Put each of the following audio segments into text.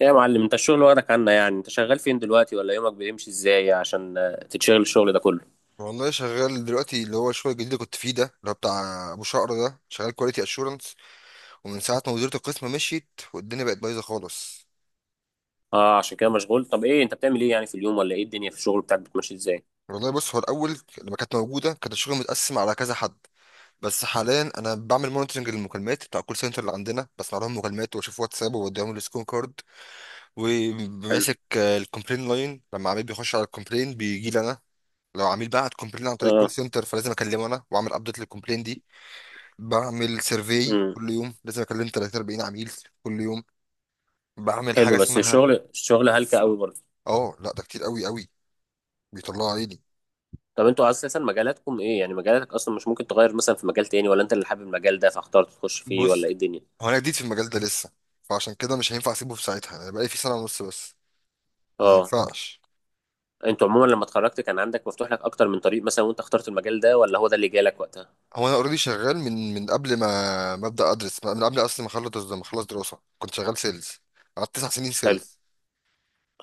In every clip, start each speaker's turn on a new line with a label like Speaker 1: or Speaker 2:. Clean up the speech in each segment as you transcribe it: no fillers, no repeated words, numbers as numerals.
Speaker 1: ايه يا معلم، انت الشغل واخدك عنا؟ يعني انت شغال فين دلوقتي ولا يومك بيمشي ازاي عشان تتشغل الشغل ده كله؟
Speaker 2: والله شغال دلوقتي اللي هو الشغل الجديد اللي كنت فيه ده اللي هو بتاع ابو شقر ده، شغال كواليتي اشورنس. ومن ساعه ما مديرة القسم مشيت والدنيا بقت بايظه خالص.
Speaker 1: اه، عشان كده مشغول. طب ايه، انت بتعمل ايه يعني في اليوم، ولا ايه الدنيا في الشغل بتاعك بتمشي ازاي؟
Speaker 2: والله بص، هو الاول لما كانت موجوده كان الشغل متقسم على كذا حد. بس حاليا انا بعمل مونitoring للمكالمات بتاع الكول سنتر اللي عندنا، بسمع لهم مكالمات واشوف واتساب وبوديهم السكون كارد.
Speaker 1: حلو.
Speaker 2: وماسك الكومبلين لاين، لما عميل بيخش على الكومبلين بيجي لي انا. لو عميل بعت كومبلين عن طريق الكول
Speaker 1: اه.
Speaker 2: سنتر فلازم اكلمه انا واعمل ابديت للكومبلين دي. بعمل سيرفي
Speaker 1: امم
Speaker 2: كل يوم، لازم اكلم 30 40 عميل كل يوم. بعمل حاجه
Speaker 1: حلو، بس
Speaker 2: اسمها.
Speaker 1: الشغل الشغل هلكة قوي برضه.
Speaker 2: اه لا، ده كتير قوي قوي، بيطلع عيني.
Speaker 1: طب انتوا اساسا مجالاتكم ايه؟ يعني مجالاتك اصلا مش ممكن تغير مثلا في مجال تاني، ولا انت اللي حابب المجال ده فاخترت تخش فيه،
Speaker 2: بص،
Speaker 1: ولا ايه الدنيا؟
Speaker 2: هو انا جديد في المجال ده لسه، فعشان كده مش هينفع اسيبه في ساعتها. انا بقالي فيه سنه ونص بس، ما
Speaker 1: اه.
Speaker 2: ينفعش.
Speaker 1: انتوا عموما لما اتخرجت كان عندك مفتوح لك اكتر من طريق مثلا وانت اخترت المجال ده، ولا هو ده اللي جالك وقتها؟
Speaker 2: هو انا اوريدي شغال من قبل ما ابدا ادرس، من قبل اصلا ما اخلص دراسه كنت شغال سيلز. قعدت 9 سنين
Speaker 1: حلو.
Speaker 2: سيلز.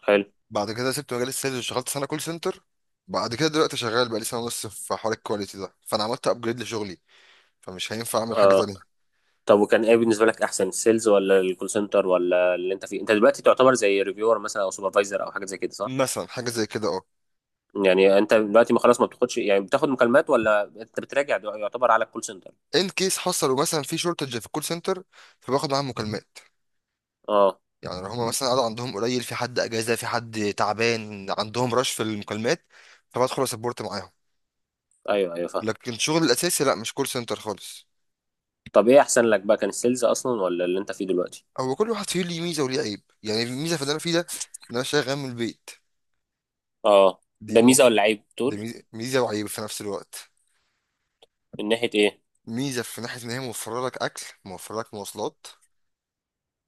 Speaker 1: حلو.
Speaker 2: بعد كده سبت مجال السيلز وشغلت سنه كول سنتر. بعد كده دلوقتي شغال بقالي سنه ونص في حوار الكواليتي ده، فانا عملت ابجريد لشغلي، فمش هينفع اعمل حاجه
Speaker 1: اه.
Speaker 2: تانية.
Speaker 1: طب وكان ايه بالنسبه لك احسن، السيلز ولا الكول سنتر ولا اللي انت فيه؟ انت دلوقتي تعتبر زي ريفيور مثلا او سوبرفايزر او حاجه زي كده، صح؟
Speaker 2: مثلا حاجه زي كده، اه.
Speaker 1: يعني انت دلوقتي ما خلاص ما بتاخدش، يعني بتاخد مكالمات، ولا انت بتراجع دو-، يعتبر على الكول سنتر؟
Speaker 2: ان كيس حصلوا مثلا في شورتج في الكول سنتر، فباخد معاهم مكالمات.
Speaker 1: اه.
Speaker 2: يعني لو هم مثلا قعدوا عندهم قليل، في حد اجازه، في حد تعبان، عندهم رش في المكالمات، فبدخل اسبورت معاهم.
Speaker 1: ايوه ايوه فاهم.
Speaker 2: لكن شغل الاساسي لا، مش كول سنتر خالص.
Speaker 1: طب ايه احسن لك بقى، كان السيلز اصلا ولا اللي انت فيه دلوقتي؟
Speaker 2: هو كل واحد فيه ليه ميزه وليه عيب. يعني الميزه في اللي انا فيه ده ان انا شغال من البيت.
Speaker 1: اه.
Speaker 2: دي
Speaker 1: ده ميزه
Speaker 2: موف.
Speaker 1: ولا عيب
Speaker 2: دي
Speaker 1: تقول؟
Speaker 2: ميزه، ميزة وعيب في نفس الوقت.
Speaker 1: من ناحيه ايه؟
Speaker 2: ميزه في ناحيه ان هي موفره لك اكل، موفره لك مواصلات.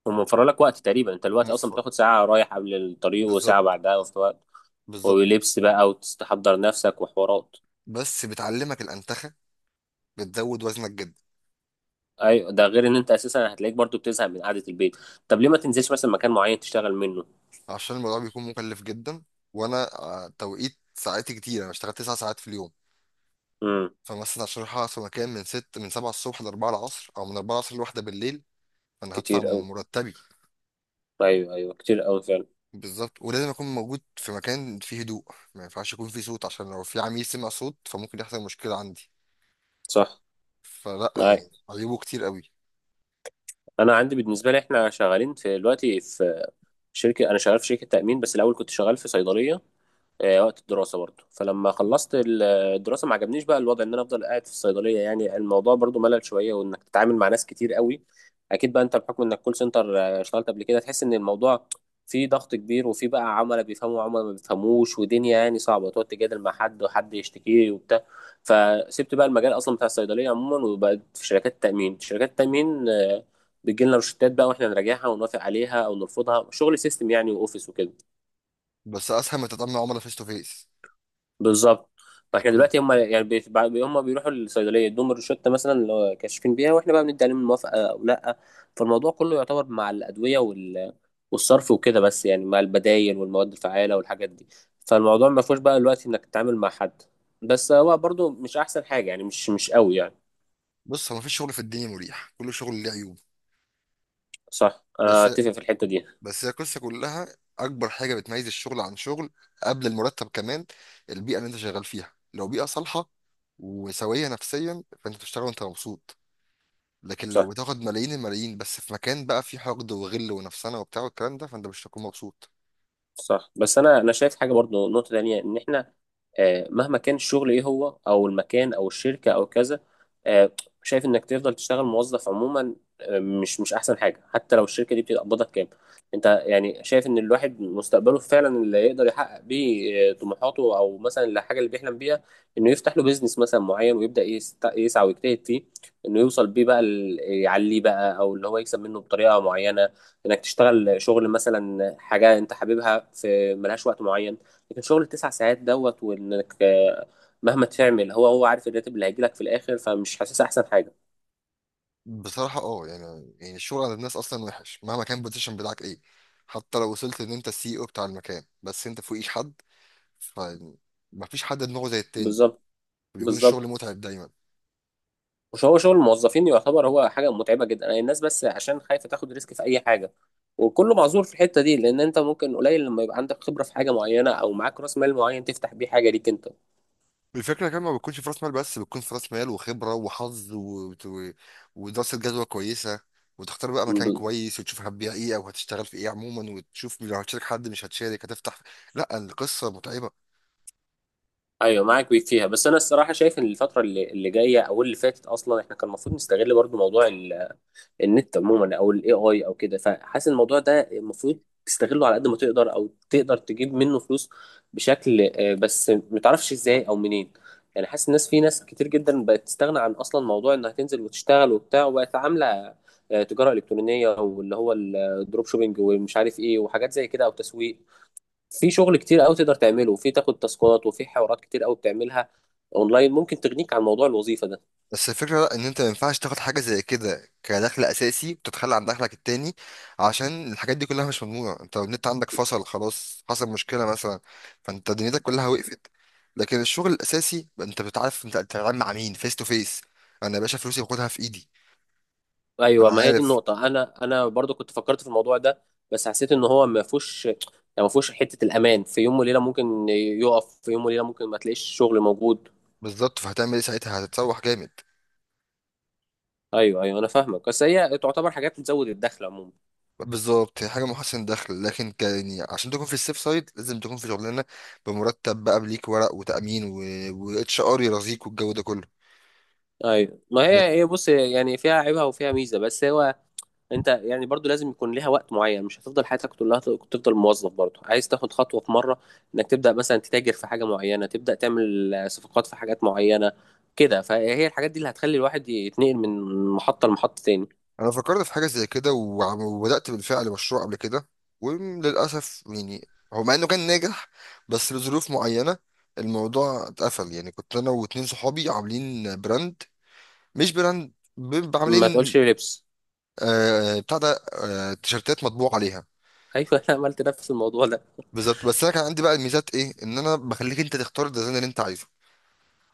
Speaker 1: موفر لك وقت تقريبا، انت الوقت اصلا
Speaker 2: موفر.
Speaker 1: بتاخد ساعه رايح قبل الطريق وساعه
Speaker 2: بالظبط.
Speaker 1: بعدها وفي وقت.
Speaker 2: بالظبط.
Speaker 1: ولبس بقى وتستحضر نفسك وحوارات.
Speaker 2: بس بتعلمك الانتخه، بتزود وزنك جدا.
Speaker 1: ايوه، ده غير ان انت اساسا هتلاقيك برضو بتزهق من قعده البيت. طب ليه ما تنزلش مثلا مكان معين تشتغل منه؟
Speaker 2: عشان الموضوع بيكون مكلف جدا. وانا توقيت ساعاتي كتير، انا بشتغل 9 ساعات في اليوم.
Speaker 1: امم
Speaker 2: فمثلا عشان اروح اقعد في مكان من ست، من سبعة الصبح لأربعة العصر، او من أربعة العصر لواحدة بالليل، فانا هدفع
Speaker 1: كتير قوي.
Speaker 2: مرتبي.
Speaker 1: ايوه ايوه كتير قوي فعلا.
Speaker 2: بالظبط، ولازم اكون موجود في مكان فيه هدوء. ما ينفعش يكون فيه صوت، عشان لو في عميل سمع صوت فممكن يحصل مشكلة عندي.
Speaker 1: صح.
Speaker 2: فلا،
Speaker 1: معاك.
Speaker 2: يعني عيوبه كتير قوي.
Speaker 1: انا عندي بالنسبه لي، احنا شغالين في دلوقتي في شركه، انا شغال في شركه تامين، بس الاول كنت شغال في صيدليه وقت الدراسة برضو. فلما خلصت الدراسة، ما عجبنيش بقى الوضع ان انا افضل قاعد في الصيدلية، يعني الموضوع برضو ملل شوية وانك تتعامل مع ناس كتير قوي. اكيد بقى انت بحكم انك كول سنتر اشتغلت قبل كده، تحس ان الموضوع فيه ضغط كبير، وفيه بقى عملاء بيفهموا وعملاء ما بيفهموش، ودنيا يعني صعبة تقعد تجادل مع حد، وحد يشتكي وبتاع. فسبت بقى المجال اصلا بتاع الصيدلية عموما وبقيت في شركات التأمين. شركات التأمين بتجيلنا روشتات بقى واحنا نراجعها ونوافق عليها او نرفضها، شغل سيستم يعني واوفيس وكده.
Speaker 2: بس اسهل ما تتعامل مع عملاء فيس تو فيس.
Speaker 1: بالظبط. فاحنا
Speaker 2: الكم-
Speaker 1: دلوقتي هم يعني هم بيروحوا الصيدليه يدوهم الروشته مثلا اللي هو كاشفين بيها، واحنا بقى بندي عليهم الموافقه او لا. فالموضوع كله يعتبر مع الادويه والصرف وكده، بس يعني مع البدايل والمواد الفعاله والحاجات دي. فالموضوع ما فيهوش بقى دلوقتي انك تتعامل مع حد. بس هو برضو مش احسن حاجه يعني، مش قوي يعني.
Speaker 2: بص، هو مفيش شغل في الدنيا مريح، كل شغل له عيوب.
Speaker 1: صح، انا
Speaker 2: بس
Speaker 1: اتفق في الحته دي.
Speaker 2: بس هي القصه كلها. اكبر حاجه بتميز الشغل عن شغل، قبل المرتب كمان، البيئه اللي انت شغال فيها. لو بيئه صالحه وسويه نفسيا فانت بتشتغل وانت مبسوط. لكن لو
Speaker 1: صح.
Speaker 2: بتاخد ملايين الملايين بس في مكان بقى فيه حقد وغل ونفسنه وبتاع والكلام ده، فانت مش هتكون مبسوط.
Speaker 1: صح. بس انا شايف حاجه برضو، نقطه تانية، ان احنا مهما كان الشغل ايه هو او المكان او الشركه او كذا، آه، شايف انك تفضل تشتغل موظف عموما، مش احسن حاجه حتى لو الشركه دي بتقبضك كام. انت يعني شايف ان الواحد مستقبله فعلا اللي يقدر يحقق بيه طموحاته، او مثلا الحاجه اللي بيحلم بيها، انه يفتح له بيزنس مثلا معين ويبدا يسعى ويجتهد فيه، انه يوصل بيه بقى يعليه بقى، او اللي هو يكسب منه بطريقه معينه. انك تشتغل شغل مثلا حاجه انت حاببها في ملهاش وقت معين، لكن شغل التسع ساعات دوت، وانك مهما تعمل، هو عارف الراتب اللي هيجيلك في الاخر، فمش حاسس احسن حاجه.
Speaker 2: بصراحه اه، يعني الشغل عند الناس اصلا وحش مهما كان البوزيشن بتاعك ايه. حتى لو وصلت ان انت السي او بتاع المكان، بس انت فوقيش حد، فمفيش حد دماغه زي التاني.
Speaker 1: بالظبط.
Speaker 2: بيكون الشغل
Speaker 1: بالظبط.
Speaker 2: متعب دايما.
Speaker 1: مش هو شغل الموظفين يعتبر هو حاجه متعبه جدا؟ الناس بس عشان خايفه تاخد ريسك في اي حاجه، وكله معذور في الحته دي، لان انت ممكن قليل لما يبقى عندك خبره في حاجه معينه او معاك راس مال معين تفتح بيه حاجه ليك انت.
Speaker 2: الفكرة كمان، ما بتكونش في راس مال بس، بتكون في راس مال وخبرة وحظ ودراسة جدوى كويسة، وتختار بقى مكان كويس، وتشوف هتبيع ايه او هتشتغل في ايه عموما، وتشوف لو هتشارك حد مش هتشارك هتفتح. لا، القصة متعبة.
Speaker 1: ايوه معاك بيك فيها. بس انا الصراحه شايف ان الفتره اللي جايه، او اللي فاتت اصلا، احنا كان المفروض نستغل برضو موضوع النت عموما، او الاي اي او كده. فحاسس إن الموضوع ده المفروض تستغله على قد ما تقدر، او تقدر تجيب منه فلوس بشكل، بس متعرفش ازاي او منين. يعني حاسس الناس، في ناس كتير جدا بقت تستغنى عن اصلا موضوع انها تنزل وتشتغل وبتاع، وبقت عامله تجاره الكترونيه، واللي هو الدروب شوبينج ومش عارف ايه، وحاجات زي كده او تسويق. في شغل كتير قوي تقدر تعمله، وفي تاخد تاسكات، وفي حوارات كتير قوي بتعملها اونلاين ممكن تغنيك عن موضوع الوظيفه ده.
Speaker 2: بس الفكرة لا، ان انت ما ينفعش تاخد حاجة زي كده كدخل اساسي وتتخلى عن دخلك التاني، عشان الحاجات دي كلها مش مضمونة. انت لو النت عندك فصل، خلاص حصل مشكلة مثلا، فانت دنيتك كلها وقفت. لكن الشغل الاساسي انت بتعرف انت بتتعامل مع مين فيس تو فيس. انا يا باشا فلوسي باخدها في ايدي.
Speaker 1: ايوه،
Speaker 2: انا
Speaker 1: ما هي دي
Speaker 2: عارف.
Speaker 1: النقطه. انا برضو كنت فكرت في الموضوع ده، بس حسيت ان هو ما فيهوش يعني، ما فيهوش حته الامان. في يوم وليله ممكن يقف، في يوم وليله ممكن ما تلاقيش شغل موجود.
Speaker 2: بالظبط، فهتعمل ايه ساعتها؟ هتتسوح جامد.
Speaker 1: ايوه ايوه انا فاهمك، بس هي تعتبر حاجات بتزود الدخل عموما.
Speaker 2: بالظبط، هي حاجه محسن دخل، لكن كان يعني عشان تكون في السيف سايد لازم تكون في شغلانه بمرتب بقى، بليك ورق وتامين واتش ار يرازيك والجو ده كله.
Speaker 1: ايوه، ما
Speaker 2: بس
Speaker 1: هي هي بص يعني، فيها عيبها وفيها ميزه، بس هو انت يعني برضو لازم يكون ليها وقت معين، مش هتفضل حياتك كلها تفضل موظف برضو. عايز تاخد خطوة في مرة، انك تبدأ مثلا تتاجر في حاجة معينة، تبدأ تعمل صفقات في حاجات معينة كده. فهي الحاجات دي اللي هتخلي الواحد يتنقل من محطة لمحطة تاني.
Speaker 2: انا فكرت في حاجه زي كده وبدات بالفعل مشروع قبل كده، وللاسف يعني، هو مع انه كان ناجح بس لظروف معينه الموضوع اتقفل. يعني كنت انا واتنين صحابي عاملين براند، مش براند،
Speaker 1: ما تقولش
Speaker 2: عاملين،
Speaker 1: لبس.
Speaker 2: آه بتاع ده، آه تيشرتات مطبوع عليها.
Speaker 1: ايوه، انا عملت نفس الموضوع ده.
Speaker 2: بالظبط. بس انا كان عندي بقى الميزات ايه، ان انا بخليك انت تختار الديزاين اللي انت عايزه.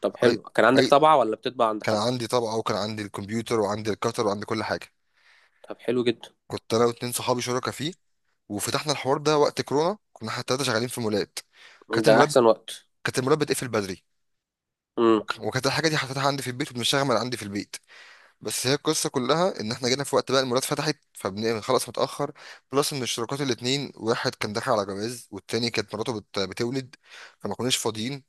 Speaker 1: طب
Speaker 2: اي.
Speaker 1: حلو، كان عندك
Speaker 2: اي.
Speaker 1: طبعة ولا بتطبع عند
Speaker 2: كان
Speaker 1: حد؟
Speaker 2: عندي طبعه وكان عندي الكمبيوتر وعندي الكتر وعندي كل حاجه.
Speaker 1: طب حلو جدا.
Speaker 2: كنت انا واتنين صحابي شركاء فيه، وفتحنا الحوار ده وقت كورونا. كنا احنا التلاته شغالين في مولات. كانت
Speaker 1: ده
Speaker 2: المولات
Speaker 1: احسن وقت.
Speaker 2: كانت المولات بتقفل بدري. وكانت الحاجه دي حطيتها عندي في البيت وبنشتغل من عندي في البيت. بس هي القصه كلها ان احنا جينا في وقت بقى المولات فتحت فبنخلص متاخر. بلس ان الشركات الاتنين، واحد كان داخل على جواز، والتاني كانت مراته بتولد، فما كناش فاضيين.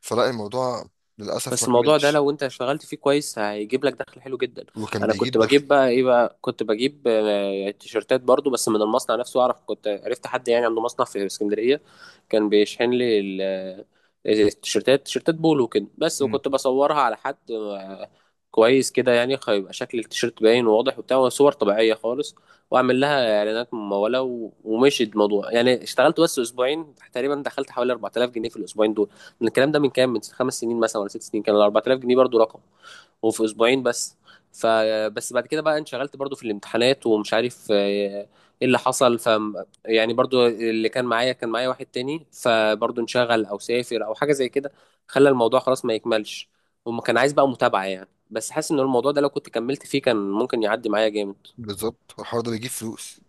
Speaker 2: فلا الموضوع للأسف ما
Speaker 1: بس الموضوع ده
Speaker 2: كملش.
Speaker 1: لو انت اشتغلت فيه كويس هيجيب لك دخل حلو جدا.
Speaker 2: وكان
Speaker 1: انا كنت
Speaker 2: بيجيب دخل.
Speaker 1: بجيب بقى ايه بقى، كنت بجيب تيشرتات برضو، بس من المصنع نفسه. اعرف كنت عرفت حد يعني عنده مصنع في اسكندرية، كان بيشحن لي التيشرتات. تيشرتات بولو كده بس،
Speaker 2: مم.
Speaker 1: وكنت بصورها على حد كويس كده، يعني هيبقى شكل التيشرت باين وواضح وبتاع، صور طبيعية خالص. واعمل لها اعلانات ممولة، ومشي الموضوع يعني. اشتغلت بس اسبوعين تقريبا، دخلت حوالي 4000 جنيه في الاسبوعين دول. الكلام ده من كام، من خمس سنين مثلا ولا ست سنين، كان ال 4000 جنيه برضو رقم، وفي اسبوعين بس. فبس بعد كده بقى انشغلت برضو في الامتحانات ومش عارف ايه اللي حصل. ف يعني برضو اللي كان معايا واحد تاني، فبرضو انشغل او سافر او حاجه زي كده، خلى الموضوع خلاص ما يكملش. وما كان عايز بقى متابعه يعني، بس حاسس ان الموضوع ده لو كنت كملت فيه كان ممكن يعدي معايا جامد.
Speaker 2: بالظبط، والحوار ده بيجيب فلوس.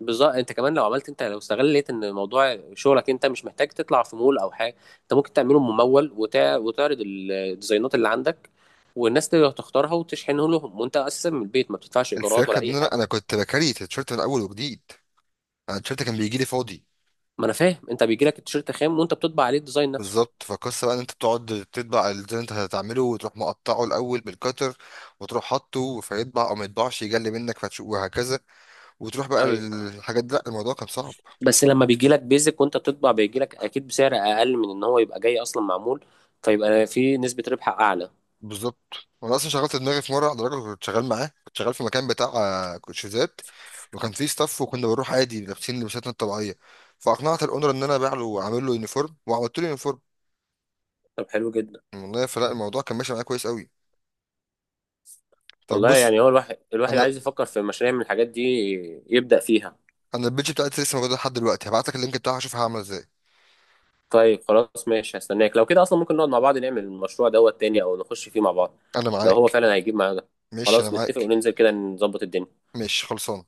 Speaker 1: بالظبط. انت كمان لو عملت، انت لو استغليت ان موضوع شغلك، انت مش محتاج تطلع في مول او حاجه، انت ممكن تعمله ممول، وتعرض الديزاينات اللي عندك، والناس تقدر تختارها وتشحنه لهم، وانت اساسا من البيت ما بتدفعش ايجارات ولا
Speaker 2: الفكرة إن
Speaker 1: اي
Speaker 2: أنا
Speaker 1: حاجه.
Speaker 2: أنا كنت بكري التيشيرت من أول وجديد. أنا التيشيرت كان بيجي لي فاضي.
Speaker 1: ما انا فاهم، انت بيجي لك التيشيرت خام وانت بتطبع عليه الديزاين نفسه.
Speaker 2: بالظبط، فالقصة بقى إن أنت بتقعد تطبع الديزاين اللي أنت هتعمله، وتروح مقطعه الأول بالكتر، وتروح حاطه فيطبع أو ما يطبعش يجلي منك فتشوف وهكذا، وتروح بقى
Speaker 1: ايوه.
Speaker 2: للحاجات دي. لا الموضوع كان صعب.
Speaker 1: بس لما بيجي لك بيزك وانت بتطبع، بيجي لك اكيد بسعر اقل من ان هو يبقى جاي اصلا معمول، فيبقى في نسبه ربح اعلى.
Speaker 2: بالظبط. وانا اصلا شغلت دماغي في مره على درجه، كنت شغال معاه كنت شغال في مكان بتاع كوتشيزات، وكان فيه ستاف وكنا بنروح عادي لابسين لبساتنا الطبيعيه، فاقنعت الاونر ان انا ابيع له واعمل له يونيفورم، وعملت له يونيفورم.
Speaker 1: طب حلو جدا.
Speaker 2: والله فلا الموضوع كان ماشي معايا كويس قوي. طب
Speaker 1: والله
Speaker 2: بص،
Speaker 1: يعني هو الواحد،
Speaker 2: انا
Speaker 1: عايز يفكر في مشاريع من الحاجات دي يبدأ فيها.
Speaker 2: انا البيج بتاعتي لسه موجوده لحد دلوقتي، هبعت لك اللينك بتاعها اشوفها عامله ازاي.
Speaker 1: طيب خلاص ماشي، هستناك. لو كده اصلا ممكن نقعد مع بعض نعمل المشروع دوت تاني، او نخش فيه مع بعض
Speaker 2: انا
Speaker 1: لو هو
Speaker 2: معاك.
Speaker 1: فعلا هيجيب معانا ده.
Speaker 2: ماشي انا
Speaker 1: خلاص نتفق
Speaker 2: معاك.
Speaker 1: وننزل كده نظبط الدنيا.
Speaker 2: ماشي خلصان.